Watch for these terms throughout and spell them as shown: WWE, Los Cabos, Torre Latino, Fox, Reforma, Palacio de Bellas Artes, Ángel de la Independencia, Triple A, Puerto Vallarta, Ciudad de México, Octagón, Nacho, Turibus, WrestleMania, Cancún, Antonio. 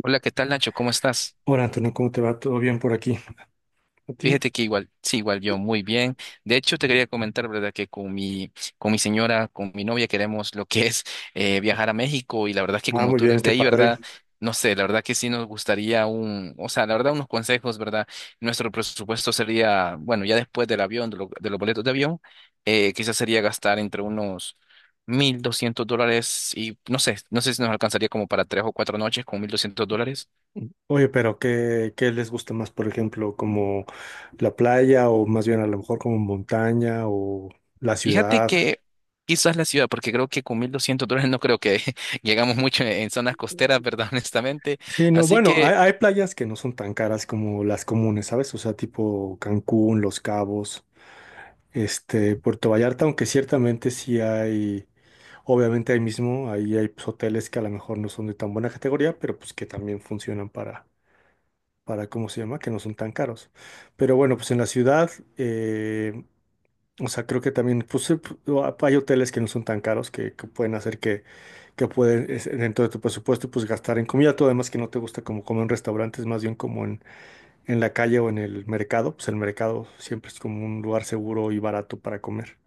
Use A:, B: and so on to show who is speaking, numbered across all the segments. A: Hola, ¿qué tal, Nacho? ¿Cómo estás?
B: Hola Antonio, ¿cómo te va? ¿Todo bien por aquí? ¿A ti?
A: Fíjate que igual, sí, igual yo muy bien. De hecho, te quería comentar, ¿verdad? Que con mi señora, con mi novia, queremos lo que es viajar a México y la verdad es que
B: Ah,
A: como
B: muy
A: tú
B: bien,
A: eres de
B: qué
A: ahí,
B: padre.
A: ¿verdad? No sé, la verdad que sí nos gustaría un, o sea, la verdad unos consejos, ¿verdad? Nuestro presupuesto sería, bueno, ya después del avión, de, de los boletos de avión, quizás sería gastar entre unos $1,200 y no sé, no sé si nos alcanzaría como para tres o cuatro noches con $1,200.
B: Oye, pero ¿qué les gusta más, por ejemplo, como la playa o más bien a lo mejor como montaña o la
A: Fíjate
B: ciudad?
A: que quizás la ciudad, porque creo que con $1,200 no creo que llegamos mucho en zonas costeras, ¿verdad? Honestamente.
B: Sí, no,
A: Así
B: bueno, hay,
A: que,
B: hay playas que no son tan caras como las comunes, ¿sabes? O sea, tipo Cancún, Los Cabos, Puerto Vallarta, aunque ciertamente sí hay, obviamente ahí mismo, ahí hay pues, hoteles que a lo mejor no son de tan buena categoría, pero pues que también funcionan para ¿cómo se llama? Que no son tan caros. Pero bueno, pues en la ciudad, eh, o sea, creo que también, pues hay hoteles que no son tan caros que pueden hacer que pueden, dentro de tu presupuesto, pues gastar en comida. Tú además que no te gusta como comer en restaurantes, más bien como en la calle o en el mercado, pues el mercado siempre es como un lugar seguro y barato para comer.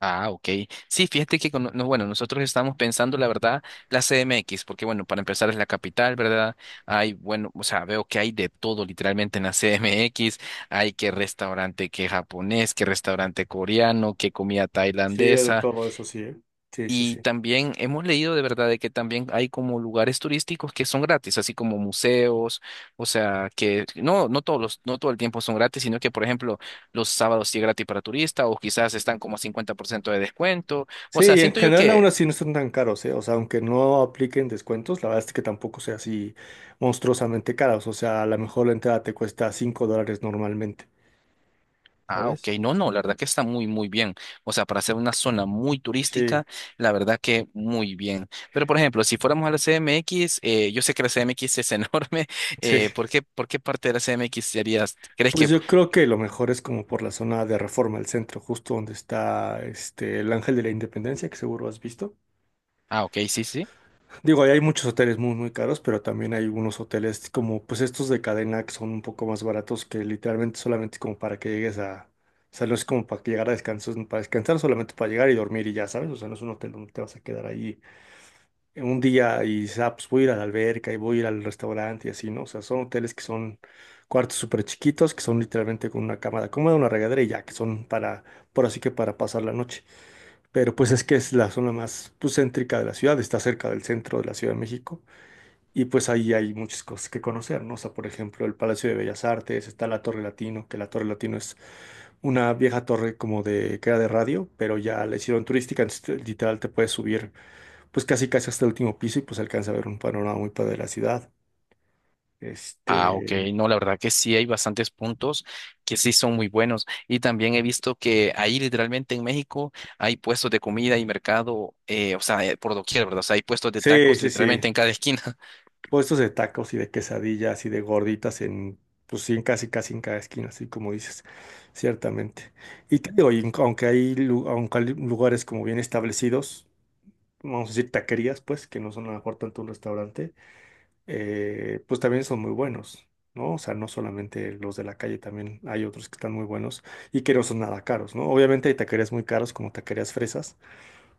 A: ah, ok. Sí, fíjate que, no, bueno, nosotros estamos pensando, la verdad, la CMX, porque, bueno, para empezar es la capital, ¿verdad? Hay, bueno, o sea, veo que hay de todo literalmente en la CMX. Hay que restaurante que japonés, que restaurante coreano, que comida
B: Sí, de
A: tailandesa.
B: todo eso sí, ¿eh? Sí, sí,
A: Y
B: sí.
A: también hemos leído de verdad de que también hay como lugares turísticos que son gratis, así como museos, o sea, que no, no todos los, no todo el tiempo son gratis, sino que, por ejemplo, los sábados sí es gratis para turista, o quizás están como a 50% de descuento. O
B: Sí,
A: sea,
B: y en
A: siento yo
B: general aún
A: que,
B: así no son tan caros, ¿eh? O sea, aunque no apliquen descuentos, la verdad es que tampoco sea así monstruosamente caros. O sea, a lo mejor la entrada te cuesta $5 normalmente,
A: ah, ok,
B: ¿sabes?
A: no, no, la verdad que está muy, muy bien. O sea, para ser una zona muy
B: Sí,
A: turística, la verdad que muy bien. Pero, por ejemplo, si fuéramos a la CMX, yo sé que la CMX es enorme.
B: sí.
A: Por qué parte de la CMX serías, crees
B: Pues
A: que
B: yo creo que lo mejor es como por la zona de Reforma, el centro, justo donde está el Ángel de la Independencia, que seguro has visto.
A: ah, ok, sí, sí.
B: Digo, ahí hay muchos hoteles muy, muy caros, pero también hay unos hoteles como, pues estos de cadena que son un poco más baratos que literalmente solamente como para que llegues a, o sea, no es como para que llegar a descansar, para descansar, solamente para llegar y dormir y ya, ¿sabes? O sea, no es un hotel donde te vas a quedar ahí un día y dices, ah, pues voy a ir a la alberca y voy a ir al restaurante y así, ¿no? O sea, son hoteles que son cuartos súper chiquitos, que son literalmente con una cama cómoda, una regadera y ya, que son para, por así que para pasar la noche. Pero pues es que es la zona más pues, céntrica de la ciudad, está cerca del centro de la Ciudad de México. Y pues ahí hay muchas cosas que conocer, ¿no? O sea, por ejemplo, el Palacio de Bellas Artes, está la Torre Latino, que la Torre Latino es una vieja torre como de que era de radio, pero ya la hicieron turística, entonces literal te puedes subir pues casi casi hasta el último piso y pues alcanza a ver un panorama muy padre de la ciudad.
A: Ah, ok.
B: Este,
A: No, la verdad que sí hay bastantes puntos que sí son muy buenos. Y también he visto que ahí literalmente en México hay puestos de comida y mercado, o sea, por doquier, ¿verdad? O sea, hay puestos de
B: sí,
A: tacos
B: sí, sí.
A: literalmente en cada esquina.
B: Puestos de tacos y de quesadillas y de gorditas en pues sí, en casi casi en cada esquina, así como dices, ciertamente. Y te digo, y aunque hay lugares como bien establecidos, vamos a decir, taquerías, pues, que no son a lo mejor tanto un restaurante, pues también son muy buenos, ¿no? O sea, no solamente los de la calle, también hay otros que están muy buenos y que no son nada caros, ¿no? Obviamente hay taquerías muy caros como taquerías fresas,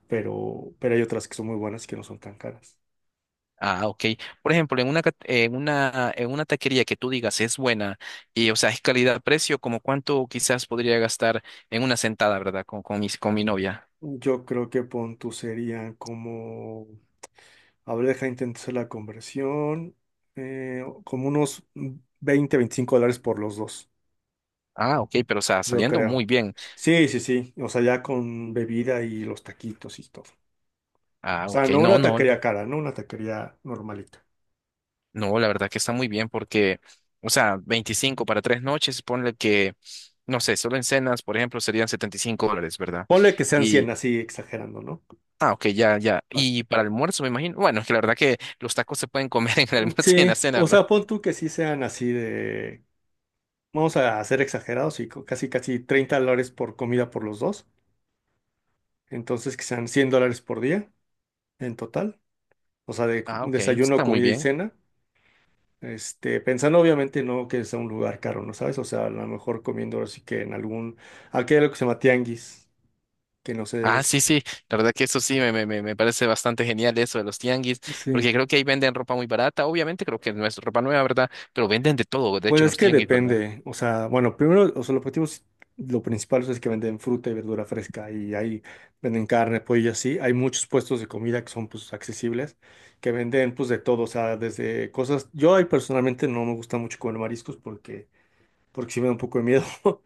B: pero hay otras que son muy buenas y que no son tan caras.
A: Ah, ok. Por ejemplo, en una, en una, en una taquería que tú digas es buena y, o sea, es calidad-precio, ¿como cuánto quizás podría gastar en una sentada, ¿verdad? Con mi novia.
B: Yo creo que pon tú serían como, a ver, deja intento hacer la conversión, como unos 20 $25 por los dos.
A: Ah, ok, pero o sea,
B: Yo
A: saliendo muy
B: creo.
A: bien.
B: Sí, sí, sí. O sea, ya con bebida y los taquitos y todo. O
A: Ah,
B: sea,
A: ok,
B: no
A: no,
B: una
A: no.
B: taquería cara, no una taquería normalita.
A: No, la verdad que está muy bien porque, o sea, 25 para tres noches, ponle que, no sé, solo en cenas, por ejemplo, serían $75, ¿verdad?
B: Ponle que sean 100
A: Y,
B: así exagerando, ¿no?
A: ah, ok, ya, ya.
B: Ah,
A: Y para el almuerzo, me imagino. Bueno, es que la verdad que los tacos se pueden comer en el
B: mm,
A: almuerzo y en
B: sí,
A: la cena,
B: o
A: ¿verdad?
B: sea, pon tú que sí sean así de, vamos a ser exagerados y casi, casi $30 por comida por los dos. Entonces, que sean $100 por día en total. O sea, de
A: Ah, ok,
B: desayuno,
A: está muy
B: comida y
A: bien.
B: cena. Pensando obviamente no que sea un lugar caro, ¿no sabes? O sea, a lo mejor comiendo así que en algún, aquí hay algo que se llama tianguis, que no sé,
A: Ah, sí, sí, la verdad que eso sí me parece bastante genial eso de los tianguis,
B: sí,
A: porque creo que ahí venden ropa muy barata, obviamente creo que no es ropa nueva, ¿verdad? Pero venden de todo, de
B: pues
A: hecho, en
B: es
A: los
B: que
A: tianguis, ¿verdad?
B: depende, o sea, bueno, primero, o sea, el objetivo es, lo principal o sea, es que venden fruta y verdura fresca y ahí venden carne, pollo y así, hay muchos puestos de comida que son pues accesibles, que venden pues de todo, o sea, desde cosas, yo ahí personalmente no me gusta mucho comer mariscos porque sí me da un poco de miedo,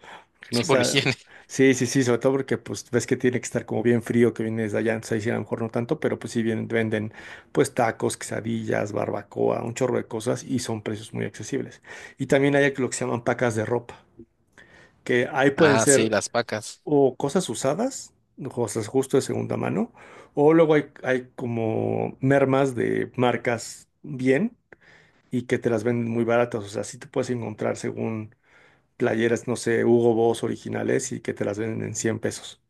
B: No
A: Sí, por la
B: sa-
A: higiene.
B: sí, sí, sí, sobre todo porque pues ves que tiene que estar como bien frío que viene desde allá, entonces ahí sí a lo mejor no tanto, pero pues sí vienen, venden pues tacos, quesadillas, barbacoa, un chorro de cosas y son precios muy accesibles. Y también hay lo que se llaman pacas de ropa, que ahí pueden
A: Ah, sí,
B: ser
A: las pacas.
B: o cosas usadas, cosas justo de segunda mano, o luego hay como mermas de marcas bien y que te las venden muy baratas, o sea, sí te puedes encontrar según playeras, no sé, Hugo Boss originales y que te las venden en 100 pesos.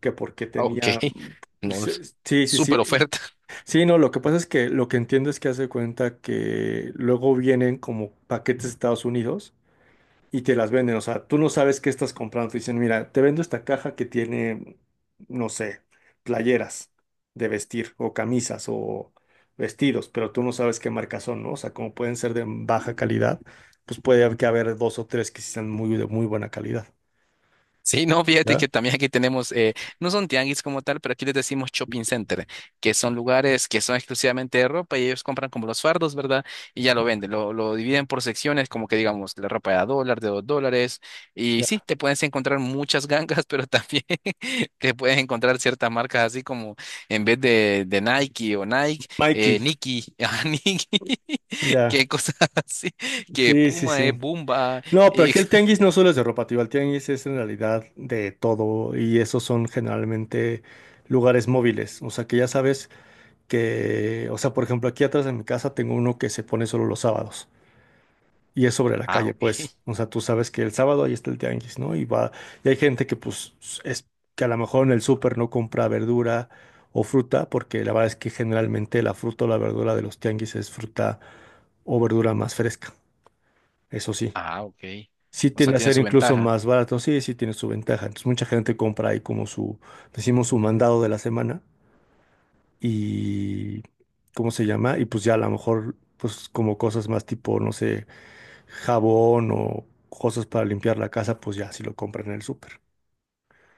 B: Que porque
A: Ah, ok,
B: tenía. Mm,
A: no,
B: pues, sí, sí,
A: súper
B: sí.
A: oferta.
B: Sí, no, lo que pasa es que lo que entiendo es que hace cuenta que luego vienen como paquetes de Estados Unidos y te las venden. O sea, tú no sabes qué estás comprando. Te dicen, mira, te vendo esta caja que tiene, no sé, playeras de vestir o camisas o vestidos, pero tú no sabes qué marca son, ¿no? O sea, como pueden ser de baja calidad, pues puede haber que haber dos o tres que sí sean muy de muy buena calidad.
A: Sí, no, fíjate que
B: ¿Ya?
A: también aquí tenemos, no son tianguis como tal, pero aquí les decimos shopping center, que son lugares que son exclusivamente de ropa y ellos compran como los fardos, ¿verdad? Y ya lo venden, lo dividen por secciones, como que digamos, la ropa de a dólar, de dos dólares, y sí,
B: Ya.
A: te puedes encontrar muchas gangas, pero también te puedes encontrar ciertas marcas así como en vez de Nike o Nike,
B: Mikey,
A: Nike, ah, Nike,
B: ya.
A: que cosas así, que
B: Sí, sí,
A: Puma es
B: sí.
A: Bumba,
B: No, pero
A: y...
B: aquí el tianguis no solo es de ropa, tío. El tianguis es en realidad de todo y esos son generalmente lugares móviles. O sea que ya sabes que, o sea, por ejemplo, aquí atrás de mi casa tengo uno que se pone solo los sábados y es sobre la
A: Ah,
B: calle,
A: ok.
B: pues, o sea, tú sabes que el sábado ahí está el tianguis, ¿no? Y va, y hay gente que pues es que a lo mejor en el súper no compra verdura o fruta, porque la verdad es que generalmente la fruta o la verdura de los tianguis es fruta o verdura más fresca, eso sí.
A: Ah, ok.
B: Sí
A: O sea,
B: tiende a
A: tiene
B: ser
A: su
B: incluso
A: ventaja.
B: más barato, sí, sí tiene su ventaja. Entonces mucha gente compra ahí como su, decimos, su mandado de la semana y ¿cómo se llama? Y pues ya a lo mejor, pues como cosas más tipo, no sé, jabón o cosas para limpiar la casa, pues ya si lo compran en el súper.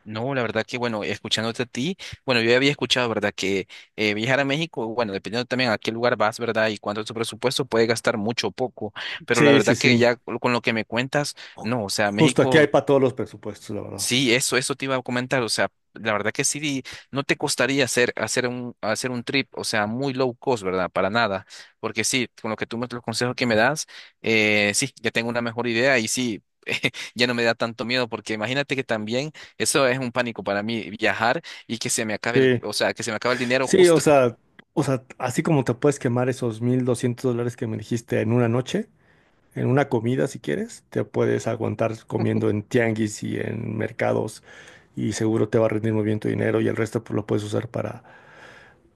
A: No, la verdad que, bueno, escuchándote a ti, bueno, yo ya había escuchado, ¿verdad? Que viajar a México, bueno, dependiendo también a qué lugar vas, ¿verdad? Y cuánto es tu presupuesto, puede gastar mucho o poco. Pero la
B: Sí, sí,
A: verdad que
B: sí.
A: ya con lo que me cuentas, no, o sea,
B: Justo aquí hay
A: México.
B: para todos los presupuestos, la verdad.
A: Sí, eso te iba a comentar. O sea, la verdad que sí, no te costaría hacer, hacer un trip, o sea, muy low cost, ¿verdad? Para nada. Porque sí, con lo que tú me, los consejos que me das, sí, ya tengo una mejor idea y sí, ya no me da tanto miedo, porque imagínate que también eso es un pánico para mí, viajar y que se me acabe el,
B: Sí,
A: o sea, que se me acabe el dinero
B: sí,
A: justo.
B: o sea, así como te puedes quemar esos $1,200 que me dijiste en una noche, en una comida si quieres, te puedes aguantar comiendo en tianguis y en mercados y seguro te va a rendir muy bien tu dinero y el resto pues, lo puedes usar para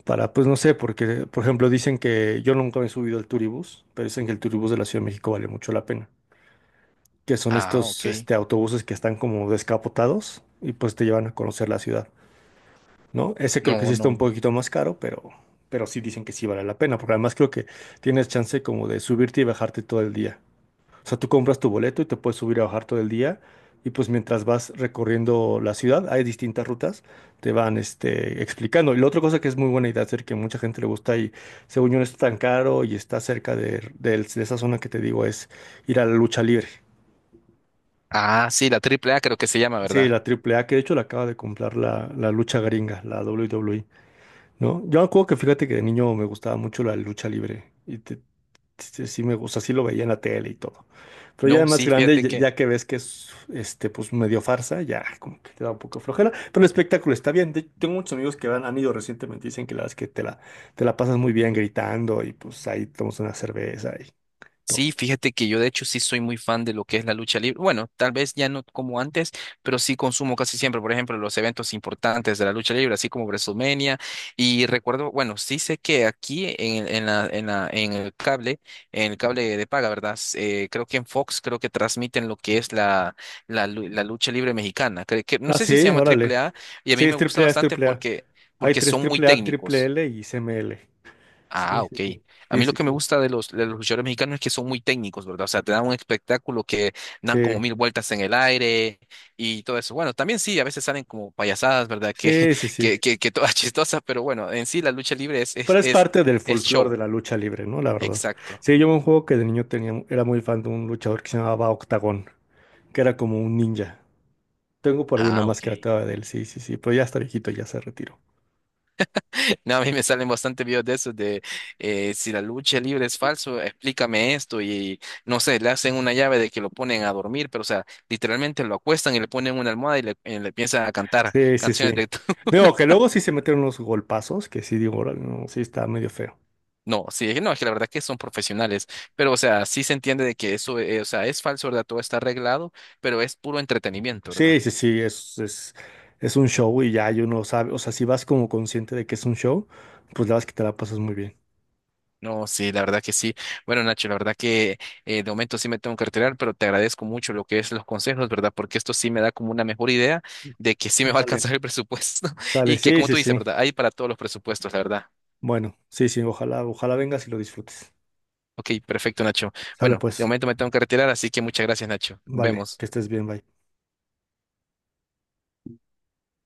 B: Para, pues no sé, porque, por ejemplo, dicen que yo nunca me he subido al Turibus pero dicen que el Turibus de la Ciudad de México vale mucho la pena. Que son
A: Ah, ok.
B: estos, autobuses que están como descapotados y pues te llevan a conocer la ciudad, ¿no? Ese creo que
A: No,
B: sí está un
A: no.
B: poquito más caro, pero sí dicen que sí vale la pena, porque además creo que tienes chance como de subirte y bajarte todo el día. O sea, tú compras tu boleto y te puedes subir a bajar todo el día. Y pues mientras vas recorriendo la ciudad, hay distintas rutas, te van explicando. Y la otra cosa que es muy buena idea hacer, que mucha gente le gusta y según yo no está tan caro y está cerca de, de esa zona que te digo, es ir a la lucha libre.
A: Ah, sí, la AAA creo que se llama,
B: Sí,
A: ¿verdad?
B: la Triple A que de hecho la acaba de comprar la lucha gringa, la W W WWE, ¿no? Yo me acuerdo que fíjate que de niño me gustaba mucho la lucha libre. Y sí, sí me gusta, sí lo veía en la tele y todo. Pero ya de
A: No,
B: más
A: sí,
B: grande,
A: fíjate
B: ya, ya que ves que es este, pues medio farsa, ya como que te da un poco de flojera. Pero el espectáculo está bien. Tengo muchos amigos que han ido recientemente, y dicen que la verdad es que te la pasas muy bien gritando y pues ahí tomas una cerveza y
A: sí,
B: todo.
A: fíjate que yo de hecho sí soy muy fan de lo que es la lucha libre. Bueno, tal vez ya no como antes, pero sí consumo casi siempre, por ejemplo, los eventos importantes de la lucha libre, así como WrestleMania. Y recuerdo, bueno, sí sé que aquí en el cable de paga, ¿verdad? Creo que en Fox creo que transmiten lo que es la, la lucha libre mexicana. Creo que, no
B: Ah,
A: sé si se
B: sí,
A: llama Triple
B: órale.
A: A y a
B: Sí,
A: mí me gusta
B: es
A: bastante
B: triple A.
A: porque,
B: Hay
A: porque
B: tres
A: son muy
B: triple A, triple
A: técnicos.
B: L y CML.
A: Ah,
B: Sí,
A: ok.
B: sí, sí.
A: A
B: Sí,
A: mí lo
B: sí,
A: que me
B: sí.
A: gusta de los luchadores mexicanos es que son muy técnicos, ¿verdad? O sea, te dan un espectáculo que dan como
B: Sí,
A: 1,000 vueltas en el aire y todo eso. Bueno, también sí, a veces salen como payasadas, ¿verdad? Que,
B: sí, sí, sí.
A: que todas chistosas, pero bueno, en sí la lucha libre es, es,
B: Pero es
A: es,
B: parte del
A: es
B: folclore de
A: show.
B: la lucha libre, ¿no? La verdad.
A: Exacto.
B: Sí, yo un juego que de niño tenía, era muy fan de un luchador que se llamaba Octagón, que era como un ninja. Tengo por ahí una
A: Ah, ok.
B: máscara todavía de él, sí, sí, sí, pero ya está viejito, ya se retiró.
A: No, a mí me salen bastante videos de esos de si la lucha libre es falso, explícame esto y no sé, le hacen una llave de que lo ponen a dormir, pero o sea, literalmente lo acuestan y le ponen una almohada y le empiezan a cantar
B: Sí, sí,
A: canciones
B: sí.
A: de...
B: Digo, que luego sí se metieron unos golpazos, que sí digo, "Órale, no, sí está medio feo".
A: No, sí, no, es que la verdad que son profesionales, pero o sea, sí se entiende de que eso, o sea, es falso, ¿verdad? Todo está arreglado, pero es puro entretenimiento, ¿verdad?
B: Sí, sí, sí, es un show y ya y uno sabe, o sea, si vas como consciente de que es un show, pues la verdad es que te la pasas muy bien.
A: No, sí, la verdad que sí. Bueno, Nacho, la verdad que de momento sí me tengo que retirar, pero te agradezco mucho lo que es los consejos, ¿verdad? Porque esto sí me da como una mejor idea de que sí me va a
B: Vale.
A: alcanzar el presupuesto
B: Sale,
A: y que
B: sí,
A: como
B: sí,
A: tú dices,
B: sí.
A: ¿verdad? Hay para todos los presupuestos, la verdad.
B: Bueno, sí, sí, ojalá, ojalá vengas y lo disfrutes.
A: Ok, perfecto, Nacho.
B: Sale
A: Bueno, de
B: pues,
A: momento me tengo que retirar, así que muchas gracias, Nacho. Nos
B: vale,
A: vemos.
B: que estés bien, bye.